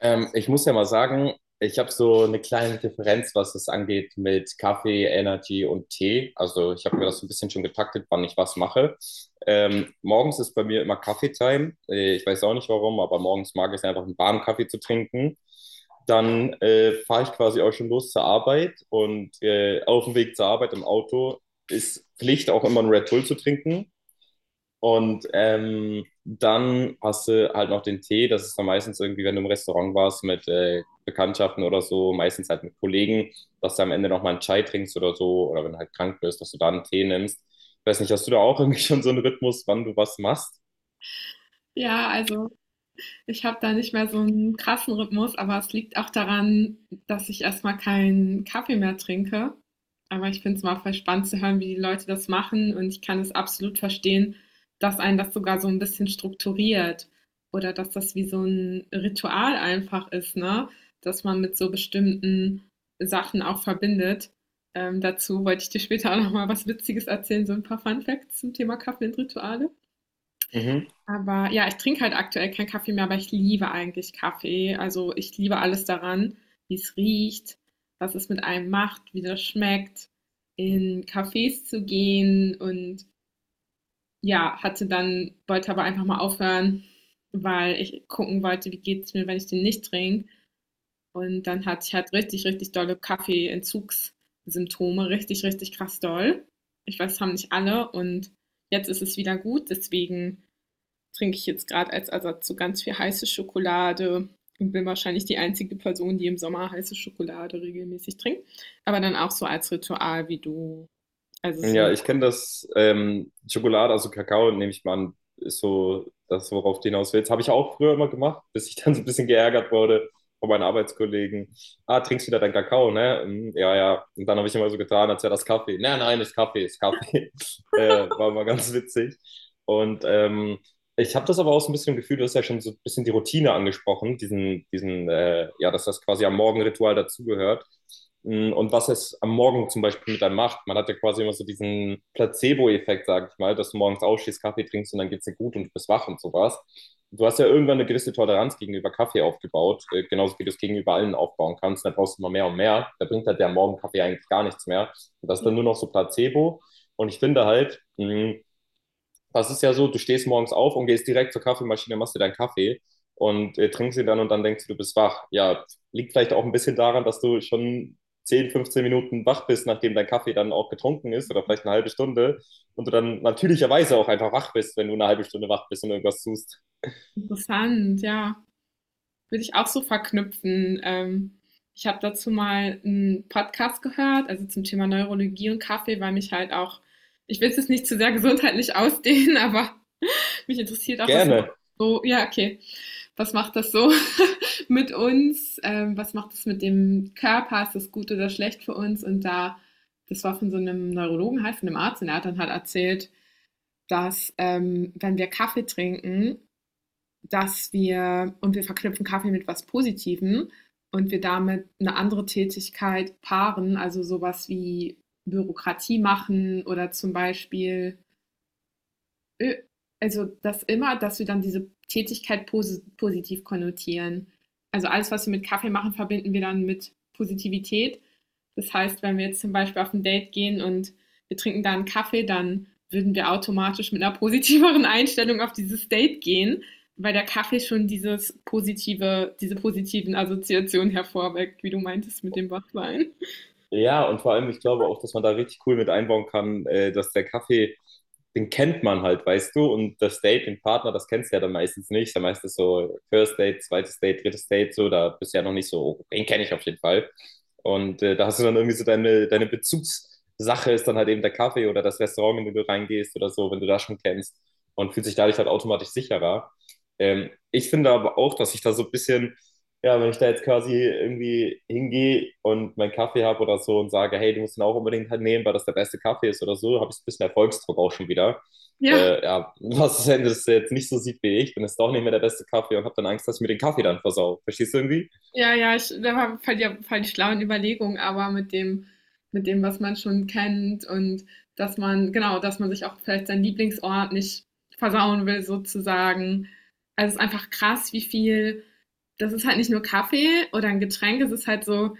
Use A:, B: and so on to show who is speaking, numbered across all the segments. A: Ich muss ja mal sagen, ich habe so eine kleine Differenz, was es angeht mit Kaffee, Energy und Tee. Also ich habe mir das so ein bisschen schon getaktet, wann ich was mache. Morgens ist bei mir immer Kaffeetime. Ich weiß auch nicht warum, aber morgens mag ich es einfach, einen warmen Kaffee zu trinken. Dann fahre ich quasi auch schon los zur Arbeit und auf dem Weg zur Arbeit im Auto ist Pflicht auch immer einen Red Bull zu trinken. Und dann hast du halt noch den Tee. Das ist dann meistens irgendwie, wenn du im Restaurant warst mit Bekanntschaften oder so, meistens halt mit Kollegen, dass du am Ende nochmal einen Chai trinkst oder so. Oder wenn du halt krank bist, dass du da einen Tee nimmst. Ich weiß nicht, hast du da auch irgendwie schon so einen Rhythmus, wann du was machst?
B: Ja, also ich habe da nicht mehr so einen krassen Rhythmus, aber es liegt auch daran, dass ich erstmal keinen Kaffee mehr trinke. Aber ich finde es mal voll spannend zu hören, wie die Leute das machen und ich kann es absolut verstehen, dass einen das sogar so ein bisschen strukturiert oder dass das wie so ein Ritual einfach ist, ne, dass man mit so bestimmten Sachen auch verbindet. Dazu wollte ich dir später auch noch mal was Witziges erzählen, so ein paar Fun Facts zum Thema Kaffee und Rituale.
A: Mhm.
B: Aber ja, ich trinke halt aktuell keinen Kaffee mehr, aber ich liebe eigentlich Kaffee. Also ich liebe alles daran, wie es riecht, was es mit einem macht, wie das schmeckt, in Cafés zu gehen und ja, hatte dann, wollte aber einfach mal aufhören, weil ich gucken wollte, wie geht es mir, wenn ich den nicht trinke. Und dann hatte ich halt richtig, richtig dolle Kaffeeentzugssymptome, richtig, richtig krass doll. Ich weiß, das haben nicht alle und jetzt ist es wieder gut, deswegen trinke ich jetzt gerade als Ersatz so ganz viel heiße Schokolade und bin wahrscheinlich die einzige Person, die im Sommer heiße Schokolade regelmäßig trinkt. Aber dann auch so als Ritual wie du. Also
A: Ja,
B: so
A: ich kenne das, Schokolade, also Kakao, nehme ich mal an, ist so das, worauf du hinaus willst. Habe ich auch früher immer gemacht, bis ich dann so ein bisschen geärgert wurde von meinen Arbeitskollegen. Ah, trinkst wieder deinen Kakao, ne? Hm, ja, ja. Und dann habe ich immer so getan, als wäre das Kaffee. Nein, nein, ist Kaffee, ist Kaffee. War mal ganz witzig. Und ich habe das aber auch so ein bisschen im Gefühl, du hast ja schon so ein bisschen die Routine angesprochen, ja, dass das quasi am Morgenritual dazugehört. Und was es am Morgen zum Beispiel mit einem macht. Man hat ja quasi immer so diesen Placebo-Effekt, sage ich mal, dass du morgens aufstehst, Kaffee trinkst und dann geht's dir gut und du bist wach und sowas. Du hast ja irgendwann eine gewisse Toleranz gegenüber Kaffee aufgebaut, genauso wie du es gegenüber allen aufbauen kannst. Da brauchst du immer mehr und mehr. Da bringt halt der Morgenkaffee eigentlich gar nichts mehr. Und das ist
B: ja,
A: dann nur noch so Placebo. Und ich finde halt, das ist ja so, du stehst morgens auf und gehst direkt zur Kaffeemaschine, machst dir deinen Kaffee und trinkst ihn dann und dann denkst du, du bist wach. Ja, liegt vielleicht auch ein bisschen daran, dass du schon 10, 15 Minuten wach bist, nachdem dein Kaffee dann auch getrunken ist oder vielleicht eine halbe Stunde und du dann natürlicherweise auch einfach wach bist, wenn du eine halbe Stunde wach bist und irgendwas tust.
B: interessant, ja. Würde ich auch so verknüpfen. Ich habe dazu mal einen Podcast gehört, also zum Thema Neurologie und Kaffee, weil mich halt auch, ich will es jetzt nicht zu sehr gesundheitlich ausdehnen, aber mich interessiert auch, was macht
A: Gerne.
B: so, ja, okay. Was macht das so mit uns? Was macht das mit dem Körper? Ist das gut oder schlecht für uns? Und da, das war von so einem Neurologen, halt von einem Arzt, und er hat dann halt erzählt, dass wenn wir Kaffee trinken, dass wir, und wir verknüpfen Kaffee mit was Positivem und wir damit eine andere Tätigkeit paaren, also sowas wie Bürokratie machen oder zum Beispiel Ö- also das immer, dass wir dann diese Tätigkeit positiv konnotieren. Also alles, was wir mit Kaffee machen, verbinden wir dann mit Positivität. Das heißt, wenn wir jetzt zum Beispiel auf ein Date gehen und wir trinken da einen Kaffee, dann würden wir automatisch mit einer positiveren Einstellung auf dieses Date gehen, weil der Kaffee schon dieses positive, diese positiven Assoziationen hervorweckt, wie du meintest mit dem Wachwein.
A: Ja, und vor allem, ich glaube auch, dass man da richtig cool mit einbauen kann, dass der Kaffee, den kennt man halt, weißt du, und das Date, den Partner, das kennst du ja dann meistens nicht. Dann meistens so First Date, zweites Date, drittes Date, so, da bist du ja noch nicht so, oh, den kenne ich auf jeden Fall. Und da hast du dann irgendwie so deine Bezugssache ist dann halt eben der Kaffee oder das Restaurant, in dem du reingehst oder so, wenn du das schon kennst und fühlt sich dadurch halt automatisch sicherer. Ich finde aber auch, dass ich da so ein bisschen ja, wenn ich da jetzt quasi irgendwie hingehe und meinen Kaffee habe oder so und sage, hey, du musst ihn auch unbedingt halt nehmen, weil das der beste Kaffee ist oder so, habe ich so ein bisschen Erfolgsdruck auch schon wieder.
B: Ja.
A: Ja, was ist, wenn das jetzt nicht so sieht wie ich, dann ist es doch nicht mehr der beste Kaffee und habe dann Angst, dass ich mir den Kaffee dann versau. Verstehst du irgendwie?
B: Ja, ja, ich, da war voll die schlauen Überlegungen, aber mit dem, was man schon kennt und dass man, genau, dass man sich auch vielleicht seinen Lieblingsort nicht versauen will, sozusagen. Also es ist einfach krass, wie viel, das ist halt nicht nur Kaffee oder ein Getränk, es ist halt so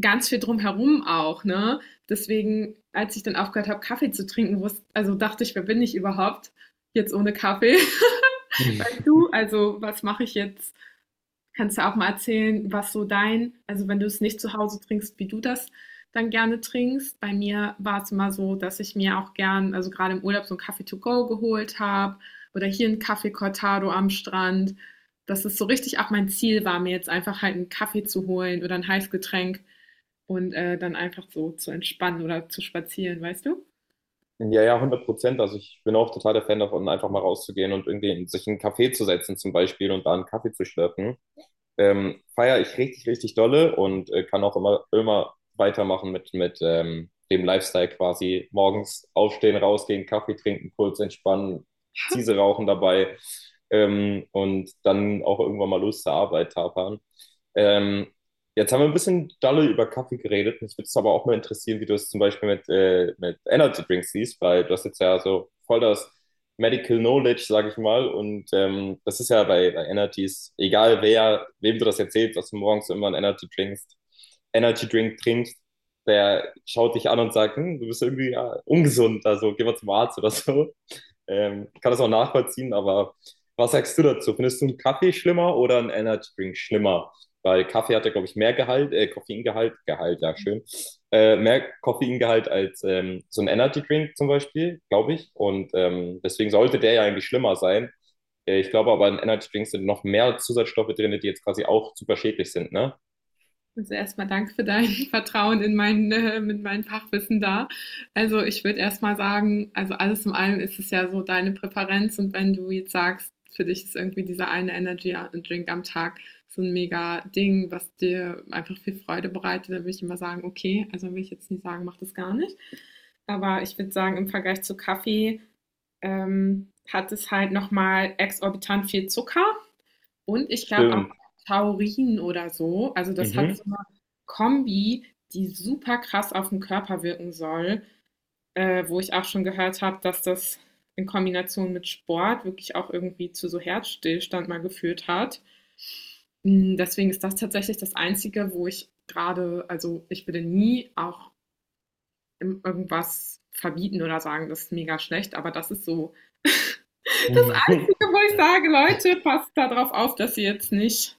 B: ganz viel drumherum auch, ne? Deswegen, als ich dann aufgehört habe, Kaffee zu trinken, wusste, also dachte ich, wer bin ich überhaupt jetzt ohne Kaffee? Weißt du, also was mache ich jetzt? Kannst du auch mal erzählen, was so dein, also wenn du es nicht zu Hause trinkst, wie du das dann gerne trinkst. Bei mir war es immer so, dass ich mir auch gern, also gerade im Urlaub, so einen Kaffee to go geholt habe oder hier einen Kaffee Cortado am Strand. Dass es so richtig auch mein Ziel war, mir jetzt einfach halt einen Kaffee zu holen oder ein Heißgetränk und dann einfach so zu entspannen oder zu spazieren, weißt du?
A: Ja, ja, 100%. Also ich bin auch total der Fan davon, einfach mal rauszugehen und irgendwie sich in einen Café zu setzen zum Beispiel und da einen Kaffee zu schlürfen. Feiere ich richtig, richtig dolle und kann auch immer, immer weitermachen mit, dem Lifestyle quasi. Morgens aufstehen, rausgehen, Kaffee trinken, kurz entspannen, Ziese rauchen dabei und dann auch irgendwann mal Lust zur Arbeit tapern. Ähm, Jetzt haben wir ein bisschen dolle über Kaffee geredet. Mich würde es aber auch mal interessieren, wie du es zum Beispiel mit, mit Energy Drinks siehst, weil du hast jetzt ja so voll das Medical Knowledge, sage ich mal. Und das ist ja bei, bei Energies, egal wer, wem du das erzählst, dass du morgens immer einen Energy trinkst, Energy Drink trinkst, der schaut dich an und sagt, hm, du bist irgendwie ja, ungesund, also geh mal zum Arzt oder so. Ich kann das auch nachvollziehen, aber was sagst du dazu? Findest du einen Kaffee schlimmer oder einen Energy Drink schlimmer? Weil Kaffee hat ja, glaube ich, mehr Gehalt, Koffeingehalt, Gehalt, ja, schön, mehr Koffeingehalt als so ein Energy Drink zum Beispiel, glaube ich. Und deswegen sollte der ja eigentlich schlimmer sein. Ich glaube aber, in Energy Drinks sind noch mehr Zusatzstoffe drin, die jetzt quasi auch super schädlich sind, ne?
B: Also erstmal danke für dein Vertrauen in mein, mit meinem Fachwissen da. Also ich würde erstmal sagen, also alles in allem ist es ja so deine Präferenz und wenn du jetzt sagst, für dich ist irgendwie dieser eine Energy Drink am Tag so ein mega Ding, was dir einfach viel Freude bereitet, dann würde ich immer sagen, okay, also will ich jetzt nicht sagen, mach das gar nicht. Aber ich würde sagen, im Vergleich zu Kaffee hat es halt nochmal exorbitant viel Zucker und ich glaube auch
A: Stimmt.
B: Taurin oder so. Also, das hat
A: Mhm.
B: so eine Kombi, die super krass auf 'n Körper wirken soll, wo ich auch schon gehört habe, dass das in Kombination mit Sport wirklich auch irgendwie zu so Herzstillstand mal geführt hat. Hm, deswegen ist das tatsächlich das Einzige, wo ich gerade also, ich würde nie auch im irgendwas verbieten oder sagen, das ist mega schlecht, aber das ist so das Einzige, wo ich sage: „Leute, passt da drauf auf, dass ihr jetzt nicht“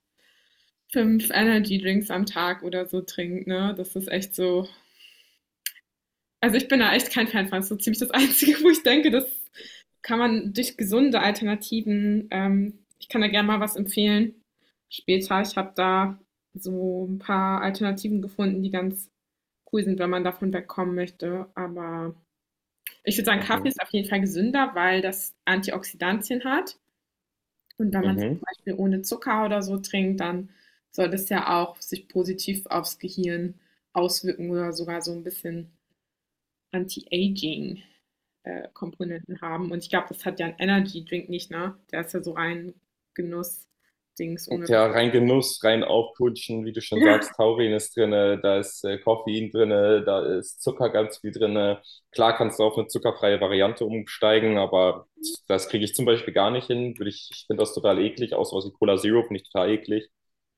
B: fünf Energy Drinks am Tag oder so trinkt, ne? Das ist echt so. Also ich bin da echt kein Fan von. Das ist so ziemlich das Einzige, wo ich denke, das kann man durch gesunde Alternativen, ich kann da gerne mal was empfehlen. Später, ich habe da so ein paar Alternativen gefunden, die ganz cool sind, wenn man davon wegkommen möchte. Aber ich würde sagen,
A: Mhm.
B: Kaffee
A: Mhm.
B: ist auf jeden Fall gesünder, weil das Antioxidantien hat. Und wenn man's
A: Mhm.
B: zum Beispiel ohne Zucker oder so trinkt, dann soll das ja auch sich positiv aufs Gehirn auswirken oder sogar so ein bisschen Anti-Aging, Komponenten haben. Und ich glaube, das hat ja ein Energy Drink nicht, ne? Der ist ja so rein Genuss-Dings ohne
A: Ja, rein Genuss, rein aufputschen, wie du schon sagst, Taurin ist drin, da ist Koffein drin, da ist Zucker ganz viel drin. Klar kannst du auf eine zuckerfreie Variante umsteigen, aber das kriege ich zum Beispiel gar nicht hin. Ich finde das total eklig, außer aus dem Cola Zero finde ich total eklig,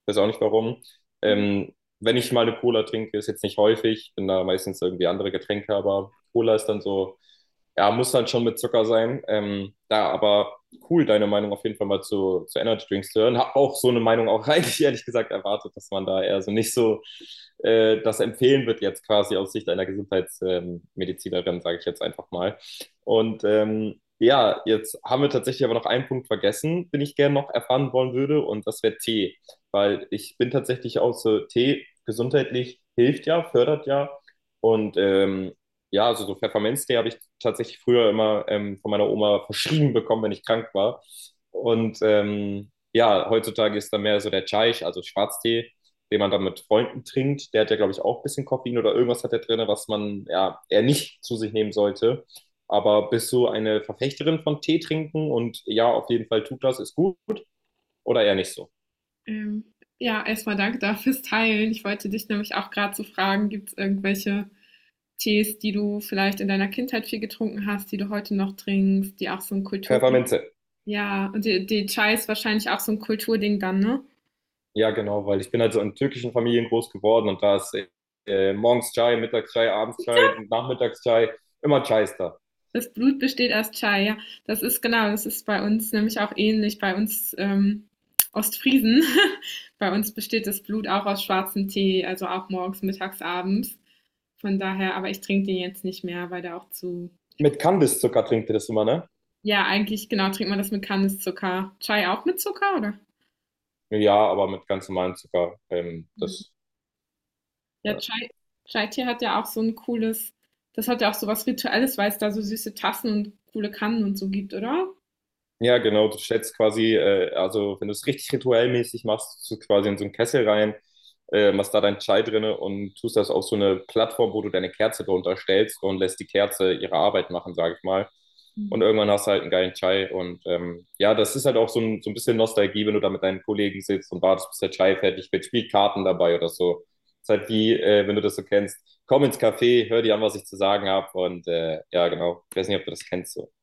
A: weiß auch nicht warum.
B: ja.
A: Ähm, Wenn ich mal eine Cola trinke, ist jetzt nicht häufig, bin da meistens irgendwie andere Getränke, aber Cola ist dann so, ja, muss dann schon mit Zucker sein. Aber cool, deine Meinung auf jeden Fall mal zu Energy Drinks zu hören. Hab auch so eine Meinung auch eigentlich ehrlich gesagt erwartet, dass man da eher so nicht so das empfehlen wird jetzt quasi aus Sicht einer Gesundheitsmedizinerin, sage ich jetzt einfach mal. Und ja, jetzt haben wir tatsächlich aber noch einen Punkt vergessen, den ich gerne noch erfahren wollen würde, und das wäre Tee, weil ich bin tatsächlich auch so, Tee gesundheitlich hilft ja, fördert ja. Und ja, also so Pfefferminztee habe ich tatsächlich früher immer von meiner Oma verschrieben bekommen, wenn ich krank war. Und ja, heutzutage ist da mehr so der Chai, also Schwarztee, den man dann mit Freunden trinkt. Der hat ja, glaube ich, auch ein bisschen Koffein oder irgendwas hat der drin, was man ja eher nicht zu sich nehmen sollte. Aber bist du eine Verfechterin von Tee trinken? Und ja, auf jeden Fall tut das, ist gut oder eher nicht so?
B: Ähm, ja, erstmal danke da fürs Teilen. Ich wollte dich nämlich auch gerade so fragen, gibt's irgendwelche Tees, die du vielleicht in deiner Kindheit viel getrunken hast, die du heute noch trinkst, die auch so ein Kultur
A: Pfefferminze.
B: ja, und die Chai ist wahrscheinlich auch so ein Kulturding dann, ne?
A: Ja, genau, weil ich bin halt so in türkischen Familien groß geworden und da ist morgens Chai, mittags Chai, abends Chai, nachmittags Chai, immer Chai ist da.
B: Das Blut besteht aus Chai, ja. Das ist genau, das ist bei uns nämlich auch ähnlich. Bei uns Ostfriesen, bei uns besteht das Blut auch aus schwarzem Tee, also auch morgens, mittags, abends. Von daher, aber ich trinke den jetzt nicht mehr, weil der auch zu.
A: Mit Kandiszucker trinkt ihr das immer, ne?
B: Ja, eigentlich, genau, trinkt man das mit Kandiszucker. Chai auch mit Zucker, oder?
A: Ja, aber mit ganz normalem Zucker.
B: Ja, ja
A: Ja.
B: Chai, Chai-Tee hat ja auch so ein cooles, das hat ja auch so was Rituelles, weil es da so süße Tassen und coole Kannen und so gibt, oder?
A: Ja, genau, du schätzt quasi, also wenn du es richtig rituellmäßig machst, tust du quasi in so einen Kessel rein, machst da deinen Chai drinne und tust das auf so eine Plattform, wo du deine Kerze drunter stellst und lässt die Kerze ihre Arbeit machen, sage ich mal. Und irgendwann hast du halt einen geilen Chai. Und ja, das ist halt auch so ein bisschen Nostalgie, wenn du da mit deinen Kollegen sitzt und wartest, bis der Chai fertig wird, spielt Karten dabei oder so. Ist halt wie, wenn du das so kennst, komm ins Café, hör dir an, was ich zu sagen habe. Und ja, genau, ich weiß nicht, ob du das kennst. So.